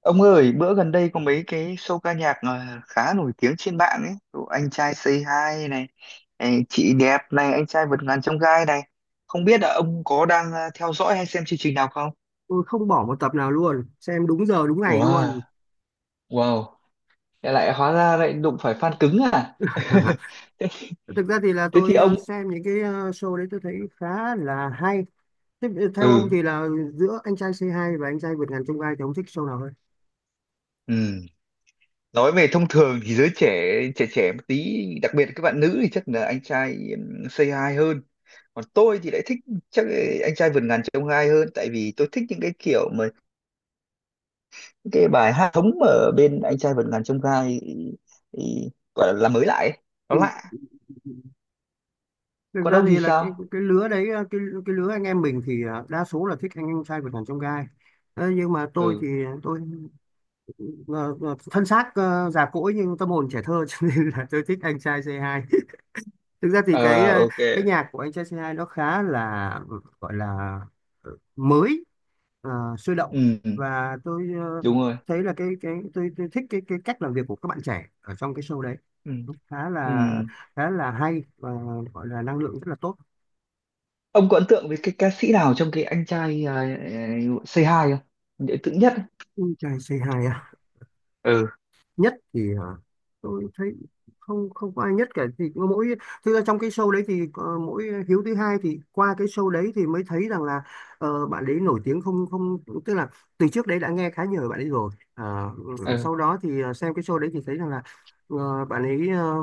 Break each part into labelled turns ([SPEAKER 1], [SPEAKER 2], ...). [SPEAKER 1] Ông ơi, bữa gần đây có mấy cái show ca nhạc khá nổi tiếng trên mạng ấy. Kiểu Anh trai Say Hi này, ấy, chị đẹp này, anh trai vượt ngàn chông gai này. Không biết là ông có đang theo dõi hay xem chương trình nào không?
[SPEAKER 2] Tôi không bỏ một tập nào luôn, xem đúng giờ đúng ngày
[SPEAKER 1] Wow,
[SPEAKER 2] luôn.
[SPEAKER 1] wow. Thế lại hóa ra lại đụng phải fan cứng à? Thế,
[SPEAKER 2] Thực ra thì là
[SPEAKER 1] thế thì
[SPEAKER 2] tôi
[SPEAKER 1] ông
[SPEAKER 2] xem những cái show đấy tôi thấy khá là hay. Theo ông
[SPEAKER 1] ừ,
[SPEAKER 2] thì là giữa anh trai C2 và anh trai vượt ngàn chông gai thì ông thích show nào hơn?
[SPEAKER 1] ừ. Nói về thông thường thì giới trẻ, trẻ một tí, đặc biệt là các bạn nữ thì chắc là anh trai Say Hi hơn. Còn tôi thì lại thích, chắc anh trai vượt ngàn chông gai hơn, tại vì tôi thích những cái kiểu mà những cái bài hát thống ở bên anh trai vượt ngàn chông gai gọi là mới lại ấy. Nó
[SPEAKER 2] Ừ.
[SPEAKER 1] lạ.
[SPEAKER 2] Thực
[SPEAKER 1] Còn
[SPEAKER 2] ra
[SPEAKER 1] ông thì
[SPEAKER 2] thì là cái
[SPEAKER 1] sao?
[SPEAKER 2] cái lứa đấy, cái lứa anh em mình thì đa số là thích anh em trai vượt ngàn chông gai. Ờ, nhưng mà tôi
[SPEAKER 1] Ừ.
[SPEAKER 2] thì tôi ờ, thân xác già cỗi nhưng tâm hồn trẻ thơ. Cho nên là tôi thích anh trai C2. Thực ra thì cái
[SPEAKER 1] Ờ, ok.
[SPEAKER 2] cái nhạc của anh trai C2 nó khá là gọi là mới, ờ, sôi động,
[SPEAKER 1] Ừ,
[SPEAKER 2] và tôi
[SPEAKER 1] đúng rồi.
[SPEAKER 2] thấy là tôi thích cái cách làm việc của các bạn trẻ ở trong cái show đấy.
[SPEAKER 1] Ừ.
[SPEAKER 2] Nó khá
[SPEAKER 1] Ừ.
[SPEAKER 2] là, khá là hay, và gọi là năng lượng rất là tốt.
[SPEAKER 1] Ông có ấn tượng với cái ca sĩ nào trong cái anh trai Say Hi không? Để ấn nhất.
[SPEAKER 2] Anh trai C2
[SPEAKER 1] Ừ,
[SPEAKER 2] nhất thì hả? Tôi thấy không, không có ai nhất cả, thì có mỗi, thực ra trong cái show đấy thì mỗi Hiếu thứ hai thì qua cái show đấy thì mới thấy rằng là bạn ấy nổi tiếng, không không, tức là từ trước đấy đã nghe khá nhiều về bạn ấy rồi. À, ừ,
[SPEAKER 1] ừ,
[SPEAKER 2] sau đó thì xem cái show đấy thì thấy rằng là bạn ấy,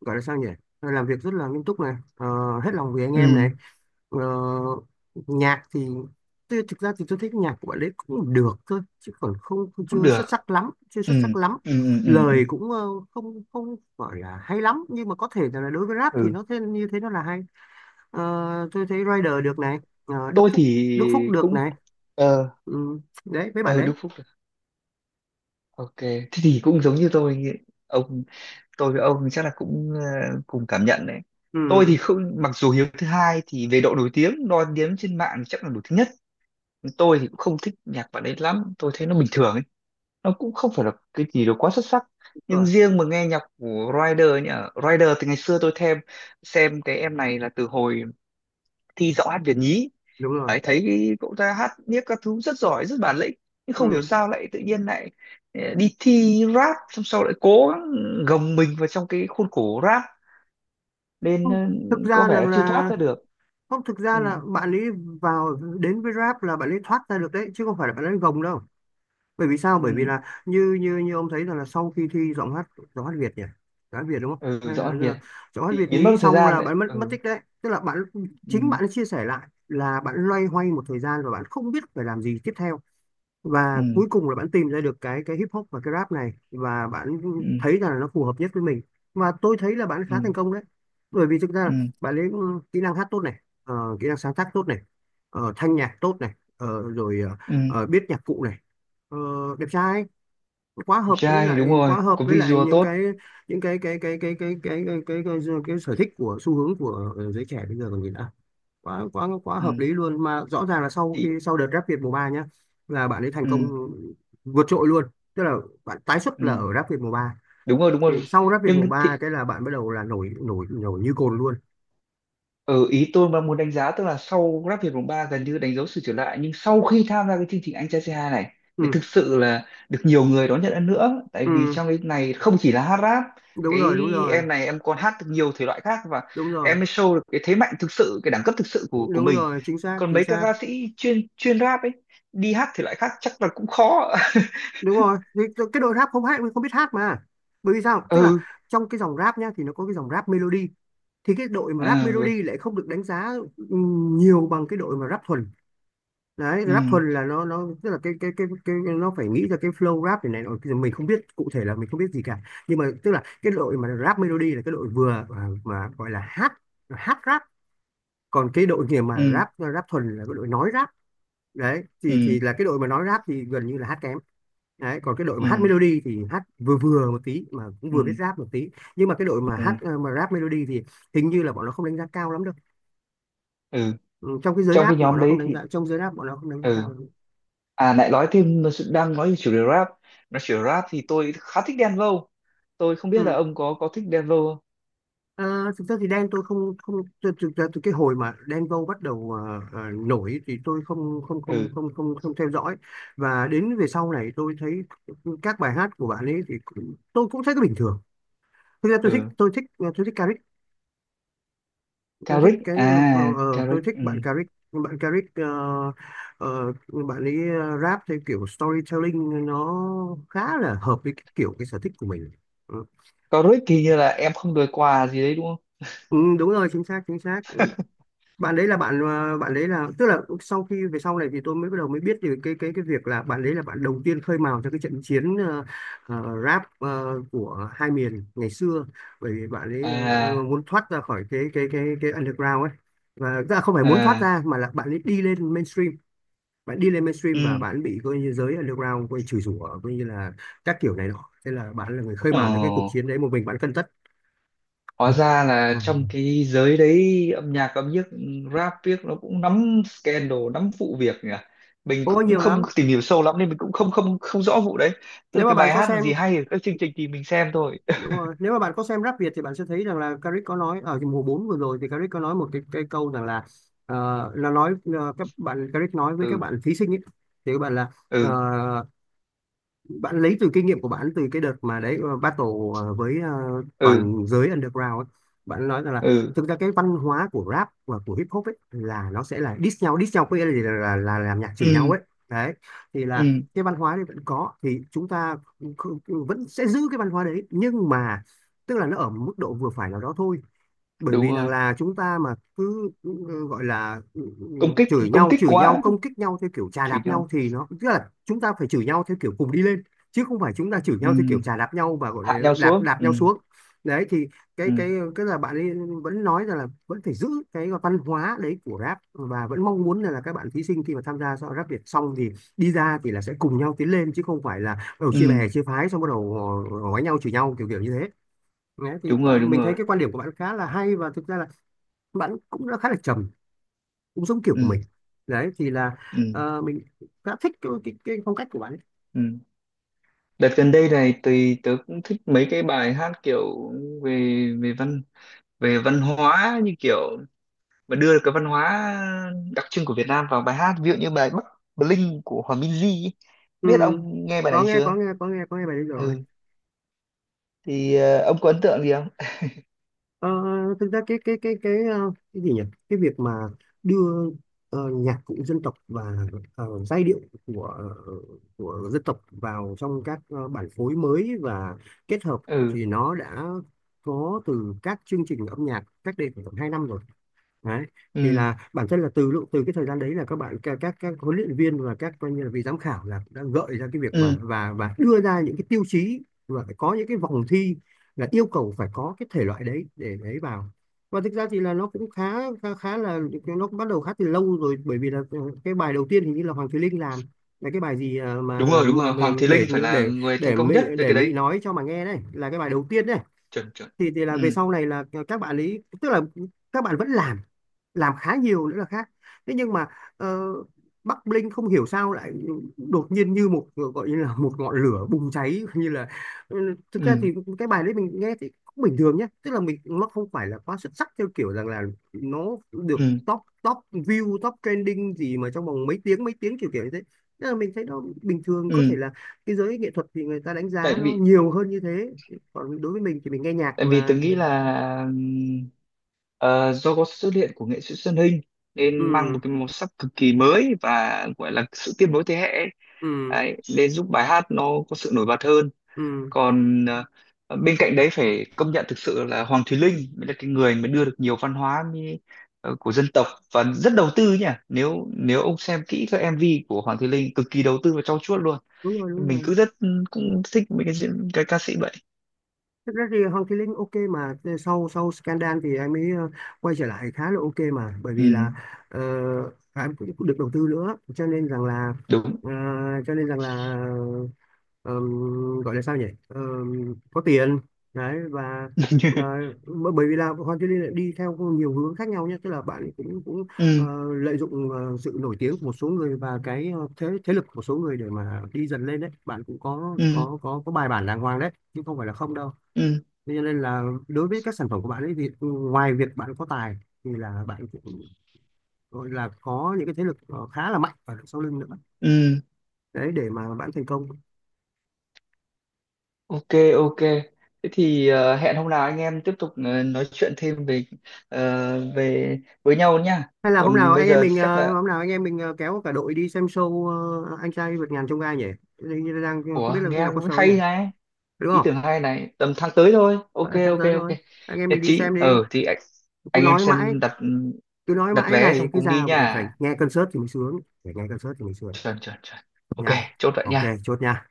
[SPEAKER 2] gọi là sao nhỉ, làm việc rất là nghiêm túc này, hết lòng vì anh em
[SPEAKER 1] ừ,
[SPEAKER 2] này. Ờ, nhạc thì thực ra thì tôi thích nhạc của bạn ấy cũng được thôi, chứ còn không, không
[SPEAKER 1] cũng
[SPEAKER 2] chưa
[SPEAKER 1] được,
[SPEAKER 2] xuất sắc lắm, chưa
[SPEAKER 1] ừ,
[SPEAKER 2] xuất sắc lắm.
[SPEAKER 1] ừ, ừ, ừ, ừ,
[SPEAKER 2] Lời cũng không, không gọi là hay lắm, nhưng mà có thể là đối với rap thì
[SPEAKER 1] ừ.
[SPEAKER 2] nó thế, như thế nó là hay. Ờ, tôi thấy Rider được này, Đức
[SPEAKER 1] Tôi
[SPEAKER 2] Phúc,
[SPEAKER 1] thì
[SPEAKER 2] Đức Phúc được
[SPEAKER 1] cũng,
[SPEAKER 2] này.
[SPEAKER 1] ờ,
[SPEAKER 2] Ừ, đấy mấy bạn
[SPEAKER 1] ờ,
[SPEAKER 2] đấy.
[SPEAKER 1] đúng. Ok, thế thì cũng giống như tôi nghĩ. Ông, tôi với ông chắc là cũng cùng cảm nhận đấy.
[SPEAKER 2] Ừ,
[SPEAKER 1] Tôi thì không, mặc dù hiếu thứ hai thì về độ nổi tiếng đo đếm trên mạng chắc là nổi tiếng nhất. Tôi thì cũng không thích nhạc bạn ấy lắm, tôi thấy nó bình thường ấy. Nó cũng không phải là cái gì đó quá xuất sắc.
[SPEAKER 2] đúng
[SPEAKER 1] Nhưng
[SPEAKER 2] rồi,
[SPEAKER 1] riêng mà nghe nhạc của Rider nhỉ, Rider từ ngày xưa tôi thêm xem cái em này là từ hồi thi Giọng hát Việt nhí
[SPEAKER 2] đúng rồi.
[SPEAKER 1] ấy, thấy cậu ta hát viết các thứ rất giỏi, rất bản lĩnh, nhưng không hiểu
[SPEAKER 2] Ừ.
[SPEAKER 1] sao lại tự nhiên lại đi thi rap xong sau lại cố gắng gồng mình vào trong cái khuôn khổ rap nên
[SPEAKER 2] Không, thực
[SPEAKER 1] có
[SPEAKER 2] ra
[SPEAKER 1] vẻ
[SPEAKER 2] là
[SPEAKER 1] là chưa thoát
[SPEAKER 2] là
[SPEAKER 1] ra được.
[SPEAKER 2] không thực
[SPEAKER 1] Ừ,
[SPEAKER 2] ra là bạn ấy vào đến với rap là bạn ấy thoát ra được đấy, chứ không phải là bạn ấy gồng đâu. Bởi vì sao? Bởi vì
[SPEAKER 1] ừ,
[SPEAKER 2] là như như như ông thấy rằng là sau khi thi giọng hát, giọng hát Việt nhỉ, giọng hát Việt đúng không,
[SPEAKER 1] ừ,
[SPEAKER 2] hay
[SPEAKER 1] giọng Ăn
[SPEAKER 2] là
[SPEAKER 1] Việt
[SPEAKER 2] giọng hát
[SPEAKER 1] thì
[SPEAKER 2] Việt
[SPEAKER 1] biến mất
[SPEAKER 2] nhí
[SPEAKER 1] một thời
[SPEAKER 2] xong
[SPEAKER 1] gian
[SPEAKER 2] là
[SPEAKER 1] đấy,
[SPEAKER 2] bạn mất mất
[SPEAKER 1] ừ,
[SPEAKER 2] tích đấy, tức là bạn, chính
[SPEAKER 1] ừ,
[SPEAKER 2] bạn chia sẻ lại là bạn loay hoay một thời gian và bạn không biết phải làm gì tiếp theo. Và
[SPEAKER 1] ừ,
[SPEAKER 2] cuối cùng là bạn tìm ra được cái hip hop và cái rap này, và bạn
[SPEAKER 1] ừ,
[SPEAKER 2] thấy rằng là nó phù hợp nhất với mình. Và tôi thấy là bạn
[SPEAKER 1] ừ,
[SPEAKER 2] khá thành công đấy, bởi vì thực ra là
[SPEAKER 1] ừ,
[SPEAKER 2] bạn lấy kỹ năng hát tốt này, kỹ năng sáng tác tốt này, thanh nhạc tốt này,
[SPEAKER 1] ừ.
[SPEAKER 2] biết nhạc cụ này. Ờ, đẹp trai,
[SPEAKER 1] Đẹp trai đúng rồi,
[SPEAKER 2] quá hợp
[SPEAKER 1] có
[SPEAKER 2] với lại
[SPEAKER 1] visual
[SPEAKER 2] những
[SPEAKER 1] tốt.
[SPEAKER 2] cái, những cái sở thích của xu hướng của giới trẻ bây giờ còn gì nữa. Quá quá quá hợp
[SPEAKER 1] Ừ,
[SPEAKER 2] lý luôn mà, rõ ràng là sau
[SPEAKER 1] thì
[SPEAKER 2] khi sau đợt Rap Việt mùa 3 nhá là bạn ấy thành công
[SPEAKER 1] ừ,
[SPEAKER 2] vượt trội luôn. Tức là bạn tái xuất
[SPEAKER 1] ừ,
[SPEAKER 2] là ở Rap Việt mùa ba,
[SPEAKER 1] đúng rồi, đúng
[SPEAKER 2] thì
[SPEAKER 1] rồi
[SPEAKER 2] sau Rap Việt mùa
[SPEAKER 1] Nhưng
[SPEAKER 2] 3
[SPEAKER 1] thì
[SPEAKER 2] cái là bạn bắt đầu là nổi nổi nổi như cồn luôn.
[SPEAKER 1] ừ, ý tôi mà muốn đánh giá tức là sau Grab Việt mùng 3 gần như đánh dấu sự trở lại, nhưng sau khi tham gia cái chương trình Anh trai C2 này mới
[SPEAKER 2] Ừ,
[SPEAKER 1] thực sự là được nhiều người đón nhận hơn nữa, tại
[SPEAKER 2] ừ,
[SPEAKER 1] vì trong cái này không chỉ là hát rap,
[SPEAKER 2] đúng rồi,
[SPEAKER 1] cái
[SPEAKER 2] đúng rồi,
[SPEAKER 1] em này em còn hát được nhiều thể loại khác, và
[SPEAKER 2] đúng
[SPEAKER 1] em
[SPEAKER 2] rồi,
[SPEAKER 1] mới show được cái thế mạnh thực sự, cái đẳng cấp thực sự của
[SPEAKER 2] đúng
[SPEAKER 1] mình.
[SPEAKER 2] rồi, chính xác,
[SPEAKER 1] Còn
[SPEAKER 2] chính
[SPEAKER 1] mấy các
[SPEAKER 2] xác.
[SPEAKER 1] ca sĩ chuyên chuyên rap ấy đi hát thể loại khác chắc là cũng khó.
[SPEAKER 2] Đúng rồi. Vì cái đội rap không hát, không biết hát mà. Bởi vì sao, tức là
[SPEAKER 1] Ừ,
[SPEAKER 2] trong cái dòng rap nhá thì nó có cái dòng rap melody, thì cái đội mà rap
[SPEAKER 1] à, ừ,
[SPEAKER 2] melody lại không được đánh giá, nhiều bằng cái đội mà rap thuần. Đấy, rap thuần là nó tức là cái nó phải nghĩ ra cái flow rap này này nọ. Bây giờ mình không biết cụ thể, là mình không biết gì cả, nhưng mà tức là cái đội mà rap melody là cái đội vừa, mà gọi là hát, hát rap. Còn cái đội kia mà
[SPEAKER 1] ừ,
[SPEAKER 2] rap rap thuần là cái đội nói rap. Đấy
[SPEAKER 1] ừ,
[SPEAKER 2] thì là cái đội mà nói rap thì gần như là hát kém. Đấy, còn cái đội
[SPEAKER 1] ừ,
[SPEAKER 2] mà hát melody thì hát vừa vừa một tí mà cũng
[SPEAKER 1] ừ,
[SPEAKER 2] vừa biết
[SPEAKER 1] ừ,
[SPEAKER 2] rap một tí. Nhưng mà cái đội mà
[SPEAKER 1] ừ,
[SPEAKER 2] hát mà rap melody thì hình như là bọn nó không đánh giá cao lắm đâu.
[SPEAKER 1] ừ.
[SPEAKER 2] Ừ, trong cái giới
[SPEAKER 1] Trong
[SPEAKER 2] rap
[SPEAKER 1] cái
[SPEAKER 2] thì bọn
[SPEAKER 1] nhóm
[SPEAKER 2] nó
[SPEAKER 1] đấy
[SPEAKER 2] không đánh
[SPEAKER 1] thì
[SPEAKER 2] giá, trong giới rap bọn nó không đánh giá cao
[SPEAKER 1] ừ.
[SPEAKER 2] lắm.
[SPEAKER 1] À lại nói thêm nó sự- đang nói về chủ đề rap, nói chủ đề rap thì tôi khá thích Đen Vâu, tôi không biết là
[SPEAKER 2] Ừ.
[SPEAKER 1] ông có thích Đen Vâu không.
[SPEAKER 2] Ờ, thực ra thì Đen tôi không, không từ cái hồi mà Đen Vâu bắt đầu nổi thì tôi không không không
[SPEAKER 1] Ừ,
[SPEAKER 2] không không không theo dõi. Và đến về sau này tôi thấy các bài hát của bạn ấy thì cũng, tôi cũng thấy nó bình thường. Thực ra tôi thích,
[SPEAKER 1] ừ,
[SPEAKER 2] tôi thích, tôi thích, tôi thích
[SPEAKER 1] Caric
[SPEAKER 2] cái,
[SPEAKER 1] à.
[SPEAKER 2] tôi
[SPEAKER 1] Caric,
[SPEAKER 2] thích
[SPEAKER 1] ừ.
[SPEAKER 2] bạn Caric, bạn Caric, ờ, bạn ấy rap theo kiểu storytelling, nó khá là hợp với cái kiểu, cái sở thích của mình. Ừ,
[SPEAKER 1] Caric thì như là em không đời quà gì đấy đúng không?
[SPEAKER 2] ừ, đúng rồi, chính xác, chính xác. Bạn đấy là bạn, bạn đấy là, tức là sau khi về sau này thì tôi mới bắt đầu mới biết về cái việc là bạn đấy là bạn đầu tiên khơi mào cho cái trận chiến rap của hai miền ngày xưa. Bởi vì bạn ấy
[SPEAKER 1] À,
[SPEAKER 2] muốn thoát ra khỏi cái underground ấy. Và tức là không phải muốn thoát
[SPEAKER 1] à,
[SPEAKER 2] ra mà là bạn ấy đi lên mainstream. Bạn đi lên mainstream và
[SPEAKER 1] ừ.
[SPEAKER 2] bạn bị coi như giới underground coi như chửi rủa coi như là các kiểu này nọ. Thế là bạn là người khơi mào cho cái cuộc
[SPEAKER 1] Ồ,
[SPEAKER 2] chiến đấy, một mình bạn cân tất.
[SPEAKER 1] hóa ra là
[SPEAKER 2] À.
[SPEAKER 1] trong cái giới đấy âm nhạc ừ, rap viết nó cũng nắm scandal nắm vụ việc nhỉ. Mình
[SPEAKER 2] Ô
[SPEAKER 1] cũng
[SPEAKER 2] nhiều
[SPEAKER 1] không
[SPEAKER 2] lắm.
[SPEAKER 1] tìm hiểu sâu lắm nên mình cũng không không không rõ vụ đấy. Tức là
[SPEAKER 2] Nếu mà
[SPEAKER 1] cái
[SPEAKER 2] bạn
[SPEAKER 1] bài
[SPEAKER 2] có
[SPEAKER 1] hát là
[SPEAKER 2] xem,
[SPEAKER 1] gì hay ở các chương trình thì mình xem thôi.
[SPEAKER 2] đúng rồi, nếu mà bạn có xem rap Việt thì bạn sẽ thấy rằng là Caric có nói ở mùa 4 vừa rồi, thì Caric có nói một cái câu rằng là là nói, các bạn Caric nói với các
[SPEAKER 1] Ừ,
[SPEAKER 2] bạn thí sinh ấy, thì các bạn là ờ,
[SPEAKER 1] ừ,
[SPEAKER 2] bạn lấy từ kinh nghiệm của bạn từ cái đợt mà đấy battle với
[SPEAKER 1] ừ,
[SPEAKER 2] toàn giới underground ấy. Bạn nói rằng là
[SPEAKER 1] ừ,
[SPEAKER 2] thực ra cái văn hóa của rap và của hip hop ấy là nó sẽ là diss nhau có nghĩa là gì? Là, là làm nhạc chửi nhau
[SPEAKER 1] ừ,
[SPEAKER 2] ấy. Đấy thì
[SPEAKER 1] ừ,
[SPEAKER 2] là cái văn hóa đấy vẫn có thì chúng ta vẫn sẽ giữ cái văn hóa đấy, nhưng mà tức là nó ở một mức độ vừa phải nào đó thôi. Bởi
[SPEAKER 1] đúng
[SPEAKER 2] vì rằng
[SPEAKER 1] rồi,
[SPEAKER 2] là chúng ta mà cứ gọi là
[SPEAKER 1] công kích công kích
[SPEAKER 2] chửi nhau
[SPEAKER 1] quá,
[SPEAKER 2] công kích nhau theo kiểu chà
[SPEAKER 1] chửi
[SPEAKER 2] đạp
[SPEAKER 1] nhau,
[SPEAKER 2] nhau, thì nó tức là chúng ta phải chửi nhau theo kiểu cùng đi lên, chứ không phải chúng ta chửi
[SPEAKER 1] ừ,
[SPEAKER 2] nhau theo kiểu chà đạp nhau và gọi
[SPEAKER 1] hạ
[SPEAKER 2] là
[SPEAKER 1] nhau
[SPEAKER 2] đạp
[SPEAKER 1] xuống,
[SPEAKER 2] đạp
[SPEAKER 1] ừ,
[SPEAKER 2] nhau xuống. Đấy thì cái
[SPEAKER 1] ừ,
[SPEAKER 2] cái cái là bạn ấy vẫn nói rằng là vẫn phải giữ cái văn hóa đấy của rap, và vẫn mong muốn là các bạn thí sinh khi mà tham gia so rap Việt xong thì đi ra thì là sẽ cùng nhau tiến lên, chứ không phải là ở
[SPEAKER 1] ừ,
[SPEAKER 2] chia bè chia phái xong bắt đầu họ đánh nhau chửi nhau kiểu kiểu như thế. Đấy, thì
[SPEAKER 1] đúng rồi,
[SPEAKER 2] bạn,
[SPEAKER 1] đúng
[SPEAKER 2] mình thấy
[SPEAKER 1] rồi,
[SPEAKER 2] cái quan điểm của bạn khá là hay, và thực ra là bạn cũng đã khá là trầm, cũng giống kiểu của
[SPEAKER 1] ừ,
[SPEAKER 2] mình. Đấy thì là
[SPEAKER 1] ừ,
[SPEAKER 2] mình khá thích cái phong cách của bạn ấy.
[SPEAKER 1] ừ. Đợt gần đây này tùy tớ cũng thích mấy cái bài hát kiểu về, về văn, về văn hóa, như kiểu mà đưa cái văn hóa đặc trưng của Việt Nam vào bài hát, ví dụ như bài Bắc Bling của Hòa Minzy ấy.
[SPEAKER 2] Ừ,
[SPEAKER 1] Biết ông nghe bài
[SPEAKER 2] có
[SPEAKER 1] này
[SPEAKER 2] nghe
[SPEAKER 1] chưa?
[SPEAKER 2] có nghe có nghe có nghe bài đấy rồi.
[SPEAKER 1] Ừ, thì ông có ấn tượng gì không?
[SPEAKER 2] Ờ, thực ra cái gì nhỉ, cái việc mà đưa nhạc cụ dân tộc và giai điệu của của dân tộc vào trong các bản phối mới và kết hợp,
[SPEAKER 1] Ừ,
[SPEAKER 2] thì nó đã có từ các chương trình âm nhạc cách đây khoảng tầm hai năm rồi. Đấy. Thì là bản thân là từ lúc, từ cái thời gian đấy là các bạn các huấn luyện viên và các coi như là vị giám khảo là đã gợi ra cái việc
[SPEAKER 1] ừ,
[SPEAKER 2] mà và đưa ra những cái tiêu chí, và phải có những cái vòng thi là yêu cầu phải có cái thể loại đấy để đấy vào. Và thực ra thì là nó cũng khá khá, khá là, nó cũng bắt đầu khá từ lâu rồi, bởi vì là cái bài đầu tiên hình như là Hoàng Thùy Linh làm, là cái bài gì à,
[SPEAKER 1] đúng rồi, đúng rồi,
[SPEAKER 2] mà
[SPEAKER 1] Hoàng Thùy
[SPEAKER 2] để
[SPEAKER 1] Linh phải là
[SPEAKER 2] để
[SPEAKER 1] người thành
[SPEAKER 2] để
[SPEAKER 1] công
[SPEAKER 2] Mỹ,
[SPEAKER 1] nhất về
[SPEAKER 2] để
[SPEAKER 1] cái
[SPEAKER 2] Mỹ
[SPEAKER 1] đấy.
[SPEAKER 2] nói cho mà nghe, đấy là cái bài đầu tiên đấy.
[SPEAKER 1] Chuẩn chuẩn.
[SPEAKER 2] Thì là
[SPEAKER 1] Ừ,
[SPEAKER 2] về sau này là các bạn ấy tức là các bạn vẫn làm khá nhiều nữa là khác. Thế nhưng mà ờ, Bắc Linh không hiểu sao lại đột nhiên như một gọi như là một ngọn lửa bùng cháy như là, ừ, thực ra
[SPEAKER 1] ừ,
[SPEAKER 2] thì cái bài đấy mình nghe thì cũng bình thường nhé, tức là mình, nó không phải là quá xuất sắc theo kiểu rằng là nó được
[SPEAKER 1] ừ,
[SPEAKER 2] top, top view, top trending gì mà trong vòng mấy tiếng, kiểu kiểu như thế. Tức là mình thấy nó bình thường, có
[SPEAKER 1] ừ,
[SPEAKER 2] thể là cái giới nghệ thuật thì người ta đánh
[SPEAKER 1] tại
[SPEAKER 2] giá nó
[SPEAKER 1] vì
[SPEAKER 2] nhiều hơn như thế, còn đối với mình thì mình nghe nhạc
[SPEAKER 1] tại vì tôi
[SPEAKER 2] và,
[SPEAKER 1] nghĩ là do có sự xuất hiện của nghệ sĩ Xuân Hinh
[SPEAKER 2] ừ
[SPEAKER 1] nên mang một cái màu sắc cực kỳ mới và gọi là sự tiếp nối thế hệ ấy.
[SPEAKER 2] ừ
[SPEAKER 1] Đấy, nên giúp bài hát nó có sự nổi bật hơn.
[SPEAKER 2] ừ
[SPEAKER 1] Còn bên cạnh đấy phải công nhận thực sự là Hoàng Thùy Linh mới là cái người mới đưa được nhiều văn hóa mi- của dân tộc, và rất đầu tư nhỉ, nếu nếu ông xem kỹ các MV của Hoàng Thùy Linh cực kỳ đầu tư và trau chuốt luôn.
[SPEAKER 2] đúng rồi, đúng
[SPEAKER 1] Mình
[SPEAKER 2] rồi.
[SPEAKER 1] cứ rất cũng thích mấy cái diễn- cái ca sĩ vậy.
[SPEAKER 2] Thực ra thì Hoàng Thùy Linh ok mà, sau sau scandal thì em ấy quay trở lại khá là ok mà, bởi
[SPEAKER 1] Ừ,
[SPEAKER 2] vì là ờ, em cũng, cũng được đầu tư nữa cho nên rằng là
[SPEAKER 1] đúng.
[SPEAKER 2] ờ, cho nên rằng là gọi là sao nhỉ, ờm, có tiền. Đấy và ờ, bởi vì là Hoàng Thùy Linh lại đi theo nhiều hướng khác nhau nhé, tức là bạn ấy cũng cũng
[SPEAKER 1] Ừ,
[SPEAKER 2] lợi dụng sự nổi tiếng của một số người và cái ờ, thế thế lực của một số người để mà đi dần lên. Đấy bạn cũng có
[SPEAKER 1] ừ,
[SPEAKER 2] bài bản đàng hoàng đấy, chứ không phải là không đâu.
[SPEAKER 1] ừ,
[SPEAKER 2] Thế cho nên là đối với các sản phẩm của bạn ấy thì ngoài việc bạn có tài thì là bạn cũng gọi là có những cái thế lực khá là mạnh ở đằng sau lưng nữa,
[SPEAKER 1] ừ,
[SPEAKER 2] đấy để mà bạn thành công.
[SPEAKER 1] ok, ok, thế thì hẹn hôm nào anh em tiếp tục nói chuyện thêm về về với nhau nhá.
[SPEAKER 2] Hay là hôm
[SPEAKER 1] Còn
[SPEAKER 2] nào
[SPEAKER 1] bây
[SPEAKER 2] anh em
[SPEAKER 1] giờ thì
[SPEAKER 2] mình
[SPEAKER 1] chắc
[SPEAKER 2] ờ,
[SPEAKER 1] là
[SPEAKER 2] hôm nào anh em mình ờ, kéo cả đội đi xem show anh trai vượt ngàn chông gai nhỉ. Hình như là đang không biết
[SPEAKER 1] ủa
[SPEAKER 2] là khi
[SPEAKER 1] nghe
[SPEAKER 2] nào có show nhỉ,
[SPEAKER 1] hay này,
[SPEAKER 2] đúng
[SPEAKER 1] ý
[SPEAKER 2] không?
[SPEAKER 1] tưởng hay này, tầm tháng tới thôi, ok,
[SPEAKER 2] Phải là tháng
[SPEAKER 1] ok,
[SPEAKER 2] tới thôi,
[SPEAKER 1] ok.
[SPEAKER 2] anh em
[SPEAKER 1] Nhất
[SPEAKER 2] mình đi
[SPEAKER 1] trí.
[SPEAKER 2] xem đi.
[SPEAKER 1] Ờ thì
[SPEAKER 2] Cứ
[SPEAKER 1] anh em
[SPEAKER 2] nói mãi,
[SPEAKER 1] xem đặt,
[SPEAKER 2] cứ nói
[SPEAKER 1] đặt
[SPEAKER 2] mãi
[SPEAKER 1] vé xong
[SPEAKER 2] này, cứ
[SPEAKER 1] cùng đi
[SPEAKER 2] ra phải, phải
[SPEAKER 1] nha.
[SPEAKER 2] nghe concert thì mới sướng, phải nghe concert thì mới sướng
[SPEAKER 1] Chuẩn chuẩn chuẩn. Ok.
[SPEAKER 2] nha.
[SPEAKER 1] Chốt vậy
[SPEAKER 2] Ok,
[SPEAKER 1] nha.
[SPEAKER 2] chốt nha.